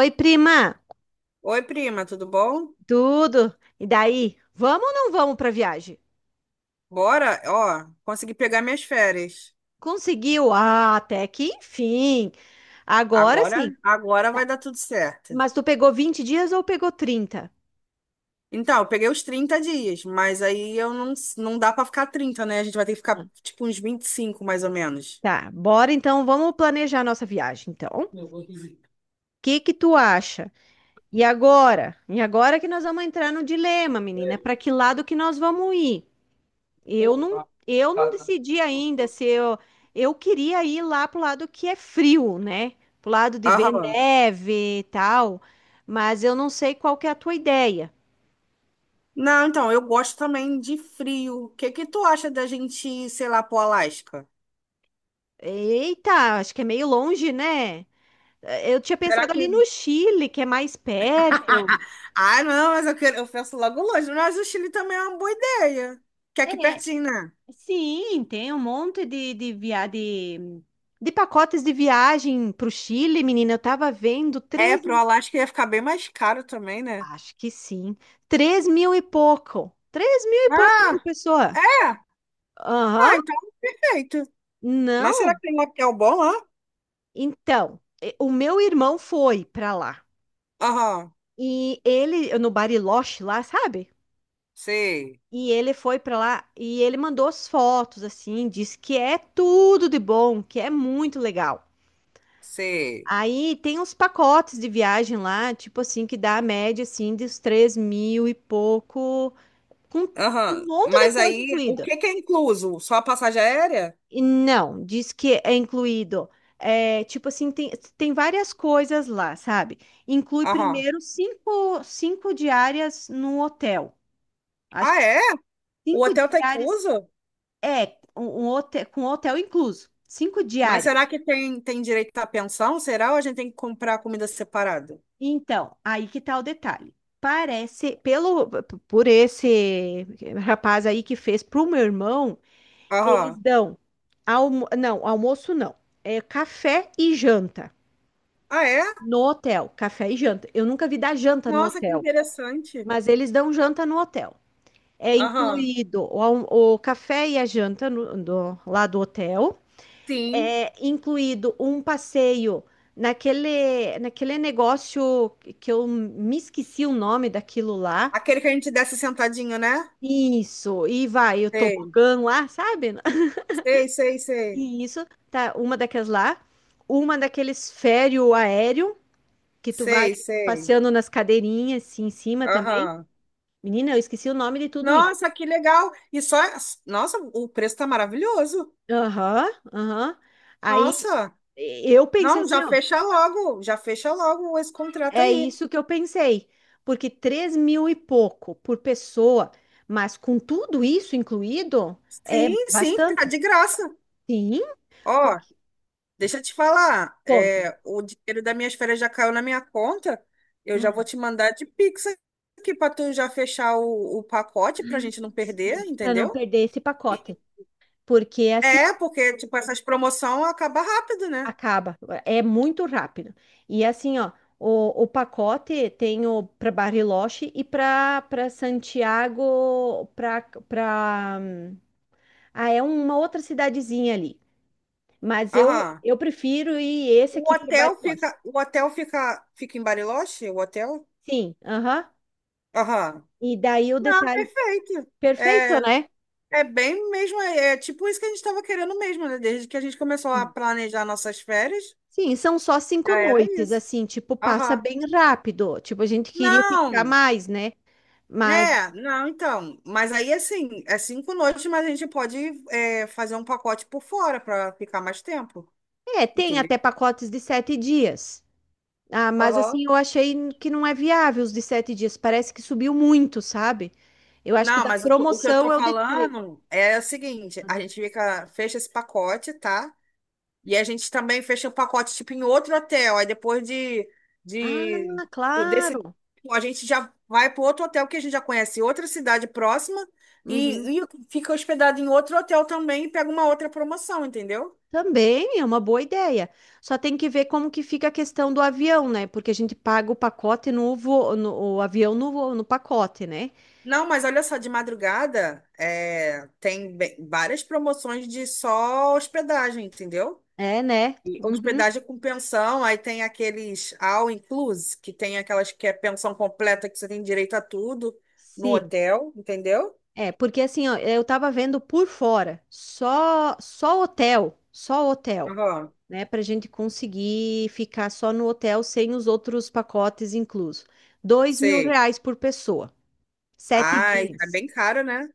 Oi, prima, Oi, prima, tudo bom? tudo? E daí? Vamos ou não vamos para viagem? Bora, ó, consegui pegar minhas férias. Conseguiu? Ah, até que enfim. Agora sim. Agora vai Tá. dar tudo certo. Mas tu pegou 20 dias ou pegou 30? Então, eu peguei os 30 dias, mas aí eu não, não dá pra ficar 30, né? A gente vai ter que ficar tipo uns 25, mais ou menos. Tá, bora então, vamos planejar nossa viagem, então. O que que tu acha? E agora? E agora que nós vamos entrar no dilema, menina, para que lado que nós vamos ir? Eu não, eu não decidi ainda se eu queria ir lá pro lado que é frio, né? Pro lado de ver Aham. neve e tal, mas eu não sei qual que é a tua ideia. Não, então, eu gosto também de frio. O que que tu acha da gente, ir, sei lá, pro Alasca? Eita, acho que é meio longe, né? Eu tinha Será pensado que... ali no Chile, que é mais perto. Ah, não, mas eu quero, eu penso logo longe, mas o Chile também é uma boa ideia. Que é aqui É, pertinho, né? sim, tem um monte de, de pacotes de viagem pro Chile, menina, eu tava vendo É, três. pro Alasca ia ficar bem mais caro também, né? Acho que sim. 3 mil e pouco. 3 mil e pouco por Ah, pessoa. é? Aham. Ah, então feito. Mas será Não. que tem um hotel bom lá? Então, o meu irmão foi pra lá. Aham, E ele, no Bariloche lá, sabe? sei, E ele foi pra lá e ele mandou as fotos, assim, disse que é tudo de bom, que é muito legal. sei. Aí tem uns pacotes de viagem lá, tipo assim, que dá a média, assim, dos 3 mil e pouco, com um Aham, monte de mas coisa aí, o incluída. que que é incluso? Só a passagem aérea? E não, diz que é incluído. É, tipo assim, tem várias coisas lá, sabe? Inclui Aham. primeiro cinco diárias no hotel. Acho Ah, que é? O cinco hotel tá diárias incluso? é um hotel, com hotel incluso. Cinco Mas diárias. será que tem direito à pensão? Será ou a gente tem que comprar comida separada? Então, aí que tá o detalhe. Parece, por esse rapaz aí que fez pro meu irmão, eles Aham. dão não, almoço não. É café e janta. Ah, é? No hotel, café e janta. Eu nunca vi dar janta no Nossa, que hotel, interessante. mas eles dão janta no hotel. É Aham, incluído o café e a janta lá do hotel. sim. É incluído um passeio naquele negócio que eu me esqueci o nome daquilo lá. Aquele que a gente desce sentadinho, né? Isso, e vai o Sei, tobogã lá, sabe? sei, sei, sei. E isso, tá, uma daquelas lá, uma daqueles férreo aéreo que tu vai Sei, sei. passeando nas cadeirinhas assim, em cima também. Aham. Menina, eu esqueci o nome de tudo isso. Nossa, que legal. E só, nossa, o preço tá maravilhoso. Aham, aham. Aí Nossa. eu pensei Não, assim, ó, já fecha logo esse contrato é aí. isso que eu pensei. Porque 3 mil e pouco por pessoa, mas com tudo isso incluído, é Sim, sim, tá bastante. de graça. Sim, Ó, porque, deixa eu te falar, ponto. é, o dinheiro das minhas férias já caiu na minha conta. Eu já vou te mandar de Pix aqui pra tu já fechar o pacote pra gente não perder, Sim, para não entendeu? perder esse pacote. E- Porque assim, ó, É, porque tipo essas promoções acabam rápido, né? acaba, é muito rápido. E assim, ó, o pacote tem o para Bariloche e para Santiago, para ah, é uma outra cidadezinha ali. Mas eu, Aham. eu prefiro ir esse O aqui para hotel Bariloche. fica, o hotel fica, fica em Bariloche? O hotel? Sim, aham. Aham. E daí o Ah, detalhe. perfeito. Perfeito, É, né? é bem mesmo, é tipo isso que a gente estava querendo mesmo, né? Desde que a gente começou a Sim, planejar nossas férias, sim, são só cinco já era noites, isso. assim, tipo, passa Aham. bem rápido. Tipo, a gente queria ficar Não, mais, né? Mas, é, não, então. Mas aí, assim, é 5 noites, mas a gente pode é, fazer um pacote por fora para ficar mais tempo, é, tem entendeu? até pacotes de 7 dias. Ah, mas Aham. assim, eu achei que não é viável os de 7 dias. Parece que subiu muito, sabe? Eu acho que o Não, da mas o que eu tô promoção é o de três. falando é o seguinte, a gente fica, fecha esse pacote, tá? E a gente também fecha o pacote, tipo, em outro hotel. Aí depois de Ah, desse, claro. a gente já vai para outro hotel que a gente já conhece, outra cidade próxima, Uhum. e fica hospedado em outro hotel também e pega uma outra promoção, entendeu? Também é uma boa ideia. Só tem que ver como que fica a questão do avião, né? Porque a gente paga o pacote no o avião no pacote, né? Não, mas olha só, de madrugada é, tem várias promoções de só hospedagem, entendeu? É, né? E Uhum. hospedagem com pensão, aí tem aqueles all inclusive, que tem aquelas que é pensão completa que você tem direito a tudo no Sim. hotel, entendeu? É, porque assim, ó, eu tava vendo por fora, só hotel, só hotel, Aham, né? Pra gente conseguir ficar só no hotel sem os outros pacotes inclusos. Dois mil sei. reais por pessoa, sete Ai, tá dias. bem caro, né?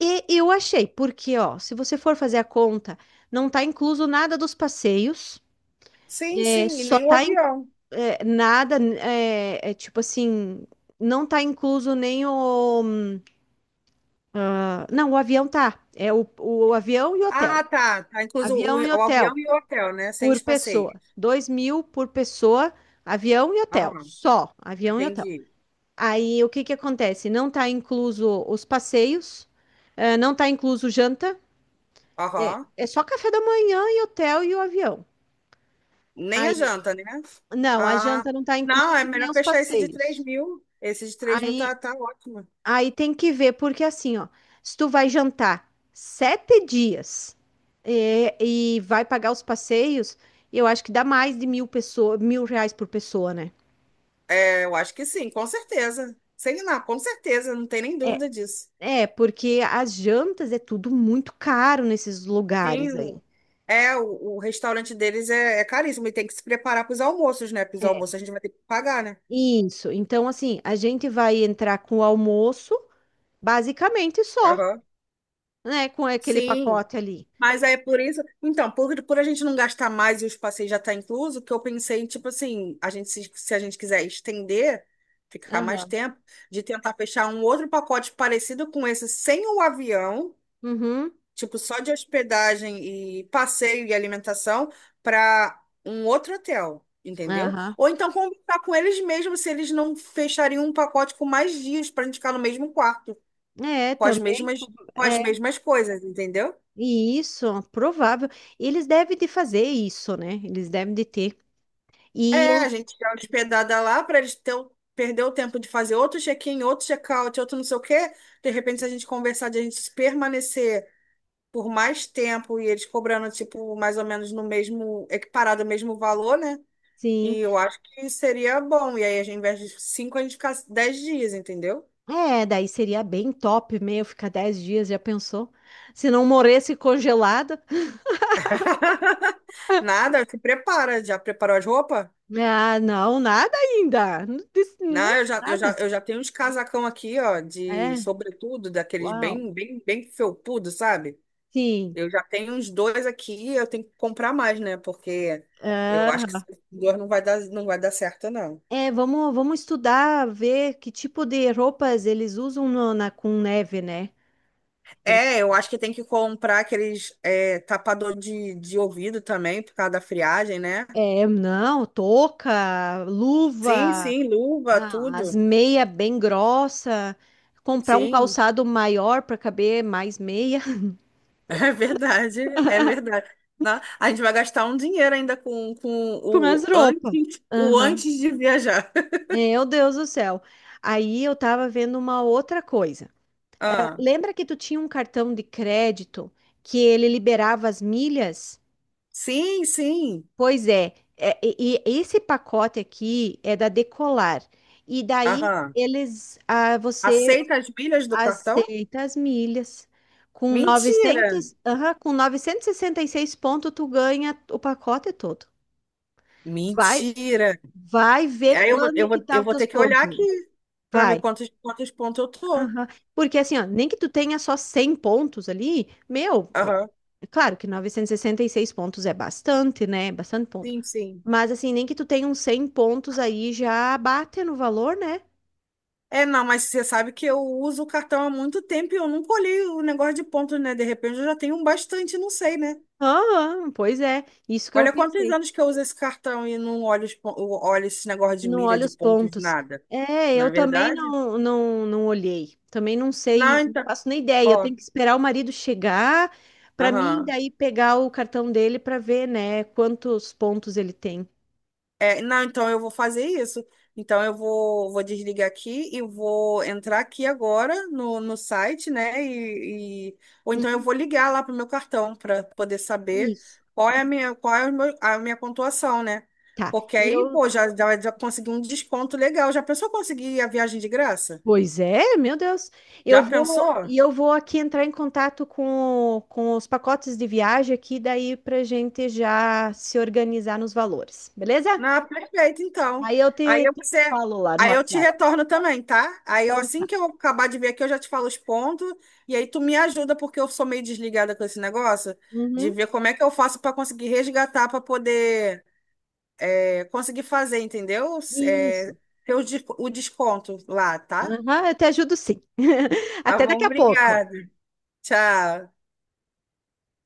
E eu achei, porque, ó, se você for fazer a conta, não tá incluso nada dos passeios, Sim, é, sim, e só nem o tá avião. é, nada, é tipo assim, não tá incluso nem o. Ah, não, o avião tá. É o avião e o hotel. Ah, tá. Tá incluso o, Avião e o avião hotel e o hotel, né? Sem por os passeios. pessoa. 2 mil por pessoa, avião e hotel. Aham, Só avião e hotel. entendi. Aí o que que acontece? Não tá incluso os passeios, não tá incluso janta, Aham. é só café da manhã e hotel e o avião. Nem a Aí, janta, né? não, a Ah, janta não tá não, é incluso e nem melhor os fechar esse de três passeios. mil. Esse de 3 mil Aí, tá, tá ótimo. aí, tem que ver, porque assim, ó, se tu vai jantar 7 dias e, vai pagar os passeios, eu acho que dá mais de mil pessoa, mil reais por pessoa, né? É, eu acho que sim, com certeza. Sei lá, com certeza, não tem nem É, dúvida disso. é, porque as jantas é tudo muito caro nesses Tem, lugares aí. é, o restaurante deles é caríssimo e tem que se preparar para os almoços, né? Para os almoços a gente vai ter que pagar, né? Isso. Então, assim, a gente vai entrar com o almoço, basicamente só, Aham. né? Com aquele Sim. pacote ali. Mas é por isso, então, por a gente não gastar mais e os passeios já tá incluso, que eu pensei em, tipo assim, a gente se a gente quiser estender, ficar mais Aham. tempo, de tentar fechar um outro pacote parecido com esse, sem o avião, Uhum. tipo só de hospedagem e passeio e alimentação, para um outro hotel, entendeu? Aham. Ou então conversar com eles mesmos se eles não fechariam um pacote com mais dias para a gente ficar no mesmo quarto, É, com as também mesmas, com as é. mesmas coisas, entendeu? E isso, provável. Eles devem de fazer isso, né? Eles devem de ter. E É, a eu, gente já hospedada lá para eles ter, perder o tempo de fazer outro check-in, outro check-out, outro não sei o quê. De repente, se a gente conversar de a gente permanecer por mais tempo e eles cobrando, tipo, mais ou menos no mesmo, equiparado ao mesmo valor, né? sim. E eu acho que seria bom. E aí, ao invés de cinco, a gente ficar 10 dias, entendeu? É, daí seria bem top, meio ficar 10 dias, já pensou? Se não morresse congelado. Nada, se prepara. Já preparou as roupas? Ah, não, nada ainda. Não não, Não, eu já, eu já, nada. eu já tenho uns casacão aqui, ó, de É. sobretudo, daqueles Uau. bem, bem, bem felpudo, sabe? Sim. Eu já tenho uns dois aqui, eu tenho que comprar mais, né? Porque eu acho que Aham. esses dois não vai dar, não vai dar certo, não. É, vamos estudar, ver que tipo de roupas eles usam com neve, né? É, eu acho que tem que comprar aqueles é, tapador de ouvido também, por causa da friagem, né? É, não, touca, Sim, luva, sim, luva, as tudo. meias bem grossa, comprar um Sim, calçado maior para caber mais meia é verdade, é verdade. A gente vai gastar um dinheiro ainda com com as o roupas. antes, o Aham. antes de viajar. Meu Deus do céu. Aí eu tava vendo uma outra coisa. Ah, Lembra que tu tinha um cartão de crédito que ele liberava as milhas? sim, sim. Pois e esse pacote aqui é da Decolar. E daí Aham. eles, ah, você Aceita as milhas do cartão? Aceita as milhas. Com Mentira! 900, aham, com 966 pontos, tu ganha o pacote todo. Vai, Mentira! vai ver Aí eu, vou- quando eu, que vou- tá eu os vou teus ter que olhar pontos. aqui aí. para ver Vai. quantos pontos eu tô. Aham. Porque assim, ó, nem que tu tenha só 100 pontos ali, meu, ó, Aham. é claro que 966 pontos é bastante, né? É bastante ponto. Sim, sim. Mas assim, nem que tu tenha uns 100 pontos aí já bate no valor, né? É, não, mas você sabe que eu uso o cartão há muito tempo e eu nunca olhei o negócio de pontos, né? De repente eu já tenho um bastante, não sei, né? Aham, pois é. Isso que eu Olha quantos pensei. anos que eu uso esse cartão e não olho, eu olho esse negócio de Não milha, olha de os pontos, pontos. nada. É, eu Na também verdade? não, não, não olhei. Também não Não, sei, não então. faço nem ideia. Eu Ó, tenho que esperar o marido chegar para mim aham. daí pegar o cartão dele para ver, né, quantos pontos ele tem. É, não, então eu vou fazer isso. Então eu vou desligar aqui e vou entrar aqui agora no site, né? Ou então eu Uhum, vou ligar lá pro meu cartão para poder saber isso. qual é a minha, qual é o meu- a minha pontuação, né? Tá. Porque E eu, aí, pô, já consegui um desconto legal. Já pensou conseguir a viagem de graça? pois é, meu Deus. Eu Já vou pensou? e eu vou aqui entrar em contato com, com os pacotes de viagem aqui daí pra gente já se organizar nos valores, beleza? Ah, perfeito, então. Aí eu Aí te, eu te você, falo lá no aí eu te WhatsApp. retorno também, tá? Aí eu Então assim tá. que eu acabar de ver aqui, eu já te falo os pontos e aí tu me ajuda porque eu sou meio desligada com esse negócio de Uhum. ver como é que eu faço para conseguir resgatar para poder é, conseguir fazer, entendeu? É, Isso. ter o desconto lá, tá? Aham, eu te ajudo sim. Tá Até bom, daqui a pouco. obrigada. Tchau.